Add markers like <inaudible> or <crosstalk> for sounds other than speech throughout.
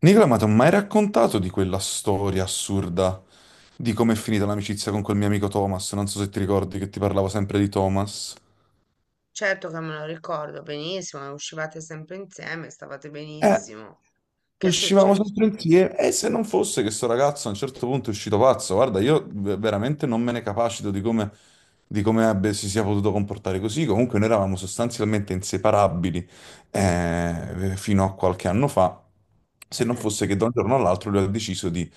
Nicola, ma ti ho mai raccontato di quella storia assurda di come è finita l'amicizia con quel mio amico Thomas? Non so se ti ricordi che ti parlavo sempre di Thomas. Certo che me lo ricordo benissimo, e uscivate sempre insieme, stavate Eh, benissimo. Che è Uscivamo successo? sempre insieme e se non fosse che sto ragazzo a un certo punto è uscito pazzo, guarda, io veramente non me ne capacito di come si sia potuto comportare così. Comunque noi eravamo sostanzialmente inseparabili, fino a qualche anno fa, se non Eh. fosse che da un giorno all'altro lui ha deciso di,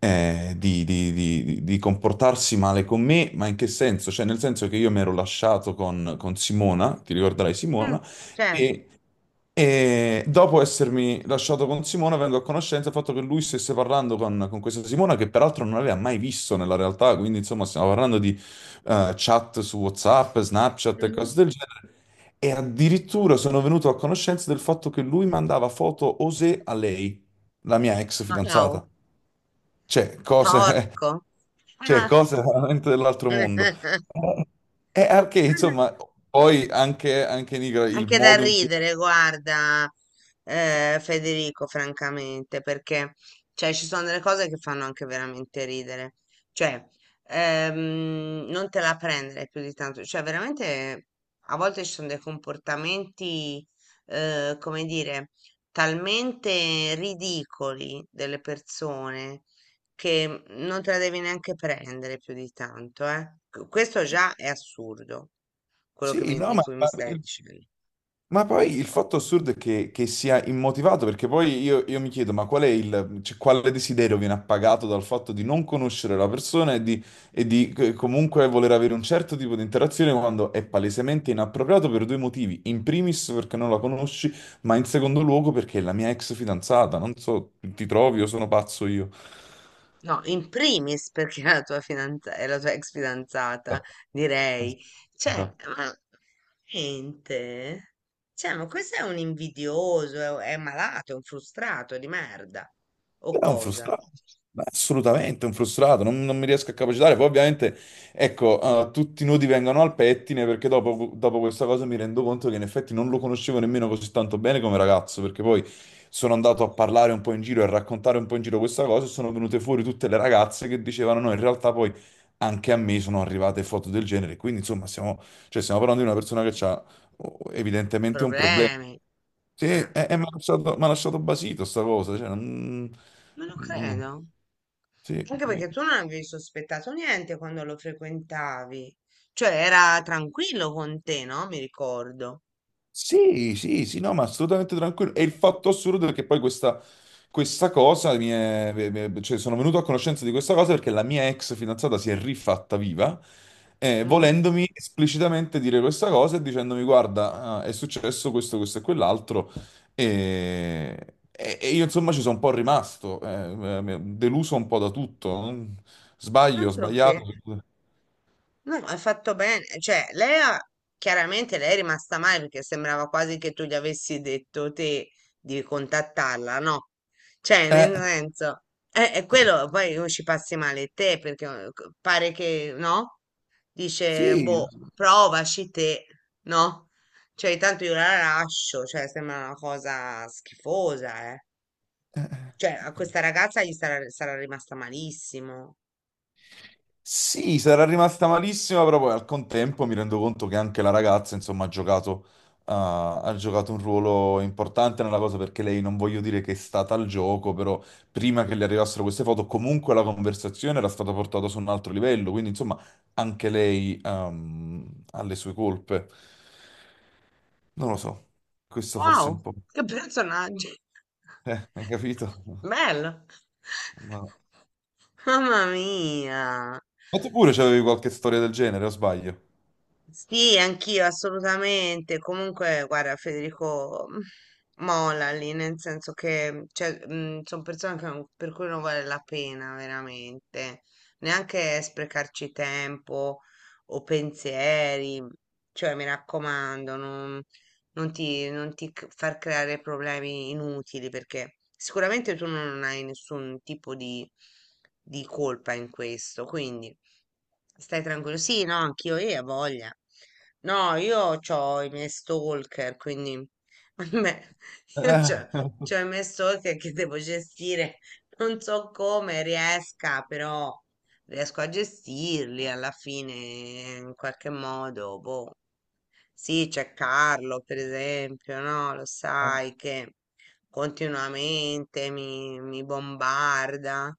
eh, di- di- di- di- di comportarsi male con me, ma in che senso? Cioè nel senso che io mi ero lasciato con Simona, ti ricorderai Mh, Simona, certo. e... E dopo essermi lasciato con Simona, vengo a conoscenza del fatto che lui stesse parlando con questa Simona, che peraltro non aveva mai visto nella realtà, quindi insomma stiamo parlando di chat su WhatsApp, Snapchat e Mh-mh. cose del genere. E addirittura sono venuto a conoscenza del fatto che lui mandava foto osè a lei, la mia ex fidanzata. Wow, Cioè, cose, porco. <laughs> cioè, Ah. cose veramente dell'altro mondo. <laughs> Eh, E perché, insomma, poi anche, anche il Anche da modo in cui... ridere, guarda, Federico, francamente, perché cioè, ci sono delle cose che fanno anche veramente ridere. Cioè, non te la prendere più di tanto. Cioè, veramente a volte ci sono dei comportamenti, come dire, talmente ridicoli delle persone che non te la devi neanche prendere più di tanto, eh. Questo già è assurdo, quello Sì, no, di cui mi ma stai il dicendo. Ma poi il fatto assurdo è che sia immotivato, perché poi io mi chiedo, ma qual è il, cioè, quale desiderio viene appagato dal fatto di non conoscere la persona e di comunque voler avere un certo tipo di interazione quando è palesemente inappropriato per due motivi. In primis perché non la conosci, ma in secondo luogo perché è la mia ex fidanzata. Non so, ti trovi o sono pazzo io? No, in primis perché <laughs> è la tua fidanzata, è la tua ex fidanzata, Esatto. direi. Cioè, Esatto. ma niente. Cioè, ma questo è un invidioso, è malato, è un frustrato di merda. O È un cosa? frustrato, ma assolutamente un frustrato, non, non mi riesco a capacitare. Poi ovviamente, ecco, tutti i nodi vengono al pettine perché dopo questa cosa mi rendo conto che in effetti non lo conoscevo nemmeno così tanto bene come ragazzo, perché poi sono andato a parlare un po' in giro e a raccontare un po' in giro questa cosa e sono venute fuori tutte le ragazze che dicevano no, in realtà poi anche a me sono arrivate foto del genere. Quindi insomma, cioè, stiamo parlando di una persona che ha evidentemente un problema. Problemi. Sì, Eh, e mi ha lasciato basito sta cosa, cioè, non lo non- credo. sì, Anche sì. perché tu non avevi sospettato niente quando lo frequentavi. Cioè, era tranquillo con te, no? Mi ricordo. Sì, sì, sì, no, ma assolutamente tranquillo. E il fatto assurdo è che poi questa cosa cioè sono venuto a conoscenza di questa cosa perché la mia ex fidanzata si è rifatta viva, Mm. volendomi esplicitamente dire questa cosa e dicendomi: Guarda, ah, è successo questo, questo e quell'altro. E io insomma ci sono un po' rimasto, deluso un po' da tutto. Sbaglio, Altro che. sbagliato. No, hai fatto bene. Chiaramente lei è rimasta male perché sembrava quasi che tu gli avessi detto te di contattarla, no? Cioè, nel Eh, senso, è quello, poi o ci passi male te perché pare che, no? Dice, sì. boh, provaci te, no? Cioè, tanto io la lascio, cioè, sembra una cosa schifosa, eh. eh. Cioè, a eh, questa ragazza gli sarà, sarà rimasta malissimo. Sì, sarà rimasta malissima, però poi al contempo mi rendo conto che anche la ragazza, insomma, ha giocato un ruolo importante nella cosa perché lei, non voglio dire che è stata al gioco, però prima che le arrivassero queste foto, comunque la conversazione era stata portata su un altro livello, quindi insomma anche lei, ha le sue colpe. Non lo so, questo forse è un Wow, po'... <laughs> che personaggi! Hai capito? Bello! Ma... ma Mamma mia! Tu pure c'avevi qualche storia del genere, o sbaglio? Sì, anch'io assolutamente. Comunque, guarda, Federico mm, molla lì, nel senso che sono persone che non- per cui non vale la pena veramente neanche sprecarci tempo o pensieri. Cioè, mi raccomando, non, far creare problemi inutili perché sicuramente tu non hai nessun tipo di colpa in questo. Quindi. Stai tranquillo? Sì, no, anch'io, io ho voglia. No, io ho i miei stalker, quindi <laughs> a me, io Eh, ho i miei stalker che devo gestire. Non so come riesca, però riesco a gestirli alla fine in qualche modo. Boh. Sì, c'è Carlo, per esempio, no? Lo sai <laughs> che continuamente mi bombarda,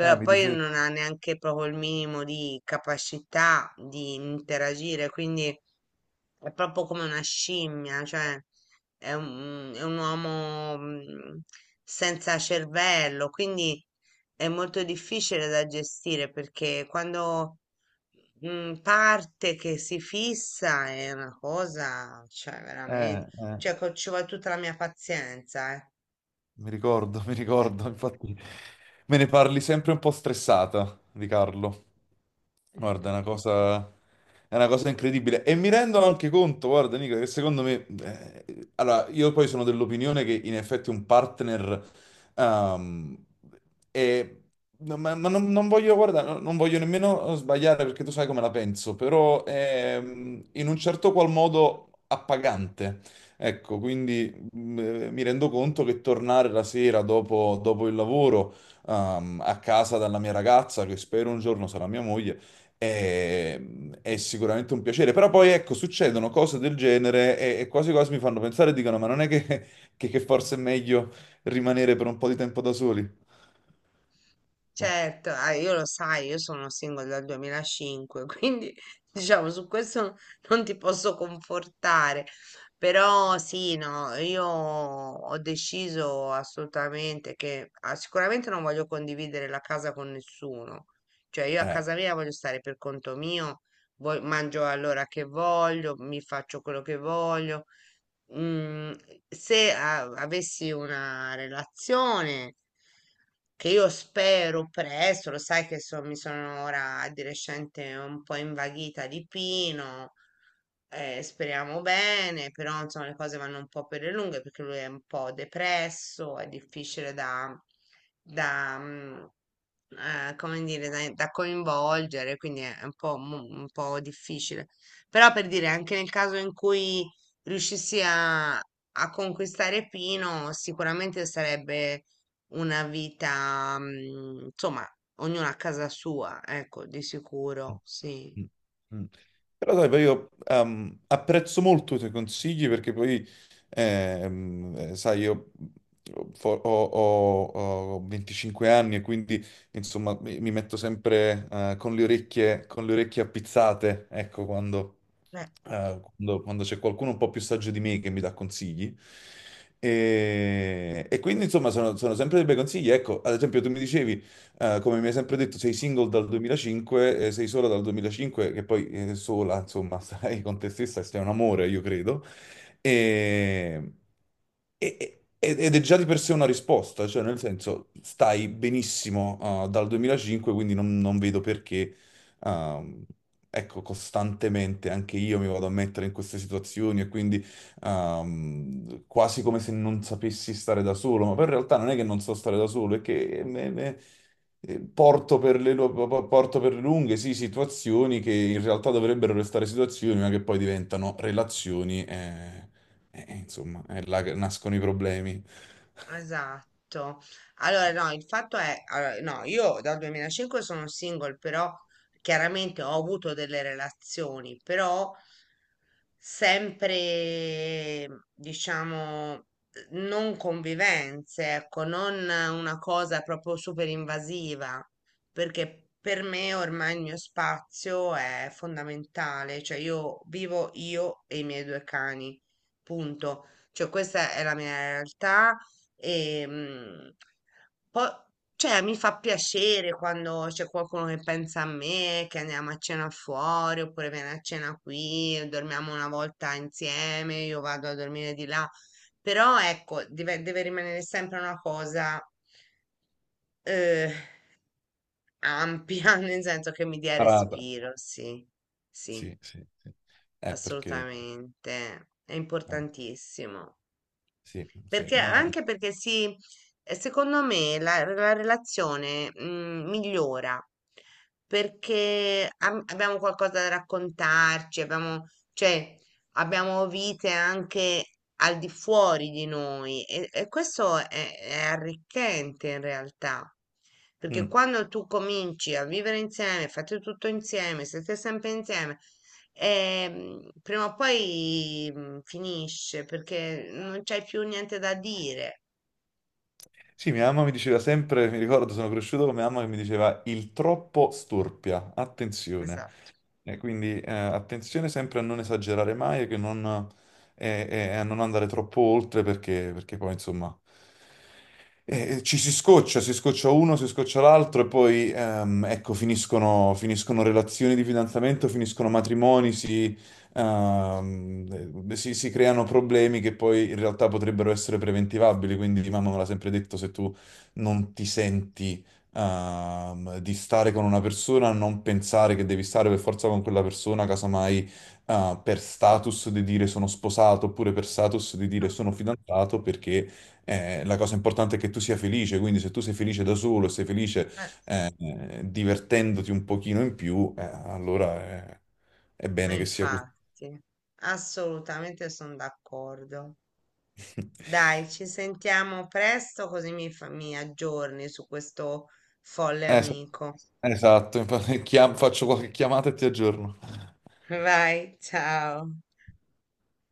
mi poi dicevi... non ha neanche proprio il minimo di capacità di interagire, quindi è proprio come una scimmia, cioè è un uomo mm, senza cervello, quindi è molto difficile da gestire perché quando mm, parte che si fissa è una cosa, cioè veramente, Eh, eh, ci vuole tutta la mia pazienza, eh. mi ricordo, <laughs> mi ricordo, infatti me ne parli sempre un po' stressata di Carlo. Guarda, è una cosa incredibile. E mi rendono anche conto, guarda, Nicola, che secondo me... allora, io poi sono dell'opinione che in effetti un partner... ehm, è- no, ma non, non voglio, guarda, non voglio nemmeno sbagliare perché tu sai come la penso, però è, mm, in un certo qual modo appagante. Ecco, quindi mi rendo conto che tornare la sera dopo, dopo il lavoro, a casa dalla mia ragazza, che spero un giorno sarà mia moglie, è, è sicuramente un piacere. Però poi, ecco, succedono cose del genere e quasi quasi mi fanno pensare e dicono, ma non è che, che forse è meglio rimanere per un po' di tempo da soli? Boh, Certo, ah, io lo sai, io sono single dal 2005, quindi <laughs> diciamo su questo non ti posso confortare, però sì, no, io ho deciso assolutamente che ah, sicuramente non voglio condividere la casa con nessuno, cioè io a eh. casa mia voglio stare per conto mio, mangio all'ora che voglio, mi faccio quello che voglio, mm, se avessi una relazione, che io spero presto, lo sai che mi sono ora di recente un po' invaghita di Pino, speriamo bene, però insomma le cose vanno un po' per le lunghe perché lui è un po' depresso, da, mm, come dire, da coinvolgere, quindi è un po', un po' difficile. Però per dire, anche nel caso in cui a conquistare Pino, sicuramente sarebbe una vita, mm, insomma, ognuno a casa sua, ecco, di Mm, sicuro, sì. mm, mm. Però sai, poi io apprezzo molto i tuoi consigli perché poi, sai, io ho 25 anni e quindi, insomma, mi metto sempre con le orecchie appizzate, ecco, quando, Eh, quando c'è qualcuno un po' più saggio di me che mi dà consigli. E quindi, insomma, sono, sono sempre dei bei consigli. Ecco, ad esempio, tu mi dicevi come mi hai sempre detto, sei single dal 2005, sei sola dal 2005, che poi sola, insomma, <laughs> stai con te stessa, e sei un amore, io credo. E- e- e- Ed è già di per sé una risposta, cioè nel senso stai benissimo dal 2005, quindi non, non vedo perché, ehm, ecco, costantemente anche io mi vado a mettere in queste situazioni e quindi quasi come se non sapessi stare da solo, ma poi in realtà non è che non so stare da solo, è che porto per le, porto per le lunghe, sì, situazioni che in realtà dovrebbero restare situazioni, ma che poi diventano relazioni, e, insomma, è là che nascono i problemi. esatto. Allora, no, il fatto è, allora, no, io dal 2005 sono single, però chiaramente ho avuto delle relazioni, però sempre, diciamo, non convivenze, ecco, non una cosa proprio super invasiva, perché per me ormai il mio spazio è fondamentale, cioè io vivo io e i miei due cani, punto. Cioè, questa è la mia realtà e, mm, poi, cioè, mi fa piacere quando c'è qualcuno che pensa a me, che andiamo a cena fuori, oppure viene a cena qui, dormiamo una volta insieme, io vado a dormire di là. Però, ecco, deve rimanere sempre una cosa, eh, ampia, <laughs> nel senso che mi dia Parata. respiro, sì, sì, Sì, sì, sì. Perché... assolutamente. È oh, importantissimo. sì, sì, Perché no. anche perché si, secondo me la relazione mm, migliora perché abbiamo qualcosa da raccontarci, abbiamo, cioè, abbiamo vite anche al di fuori di noi e questo è arricchente in realtà. Perché Mm. quando tu cominci a vivere insieme, fate tutto insieme, siete sempre insieme, ehm, prima o poi mm, finisce perché non c'hai più niente da dire. Sì, mia mamma mi diceva sempre, mi ricordo, sono cresciuto con mia mamma che mi diceva il troppo storpia, attenzione. Esatto. E quindi attenzione sempre a non esagerare mai e, e a non andare troppo oltre perché, perché poi insomma ci si scoccia uno, si scoccia l'altro e poi ecco finiscono, finiscono relazioni di fidanzamento, finiscono matrimoni, si, si creano problemi che poi in realtà potrebbero essere preventivabili, quindi mamma me l'ha sempre detto se tu non ti senti di stare con una persona, non pensare che devi stare per forza con quella persona, casomai per status di dire sono sposato oppure per status di dire Ah, sono fidanzato, perché la cosa importante è che tu sia felice, quindi se tu sei felice da solo e sei felice eh, divertendoti un pochino in più, allora è ma bene che sia così. infatti, assolutamente sono d'accordo. <laughs> Dai, ci sentiamo presto così mi aggiorni su questo folle Es- amico. Esatto, infatti, faccio qualche chiamata e ti aggiorno. <laughs> Vai, ciao.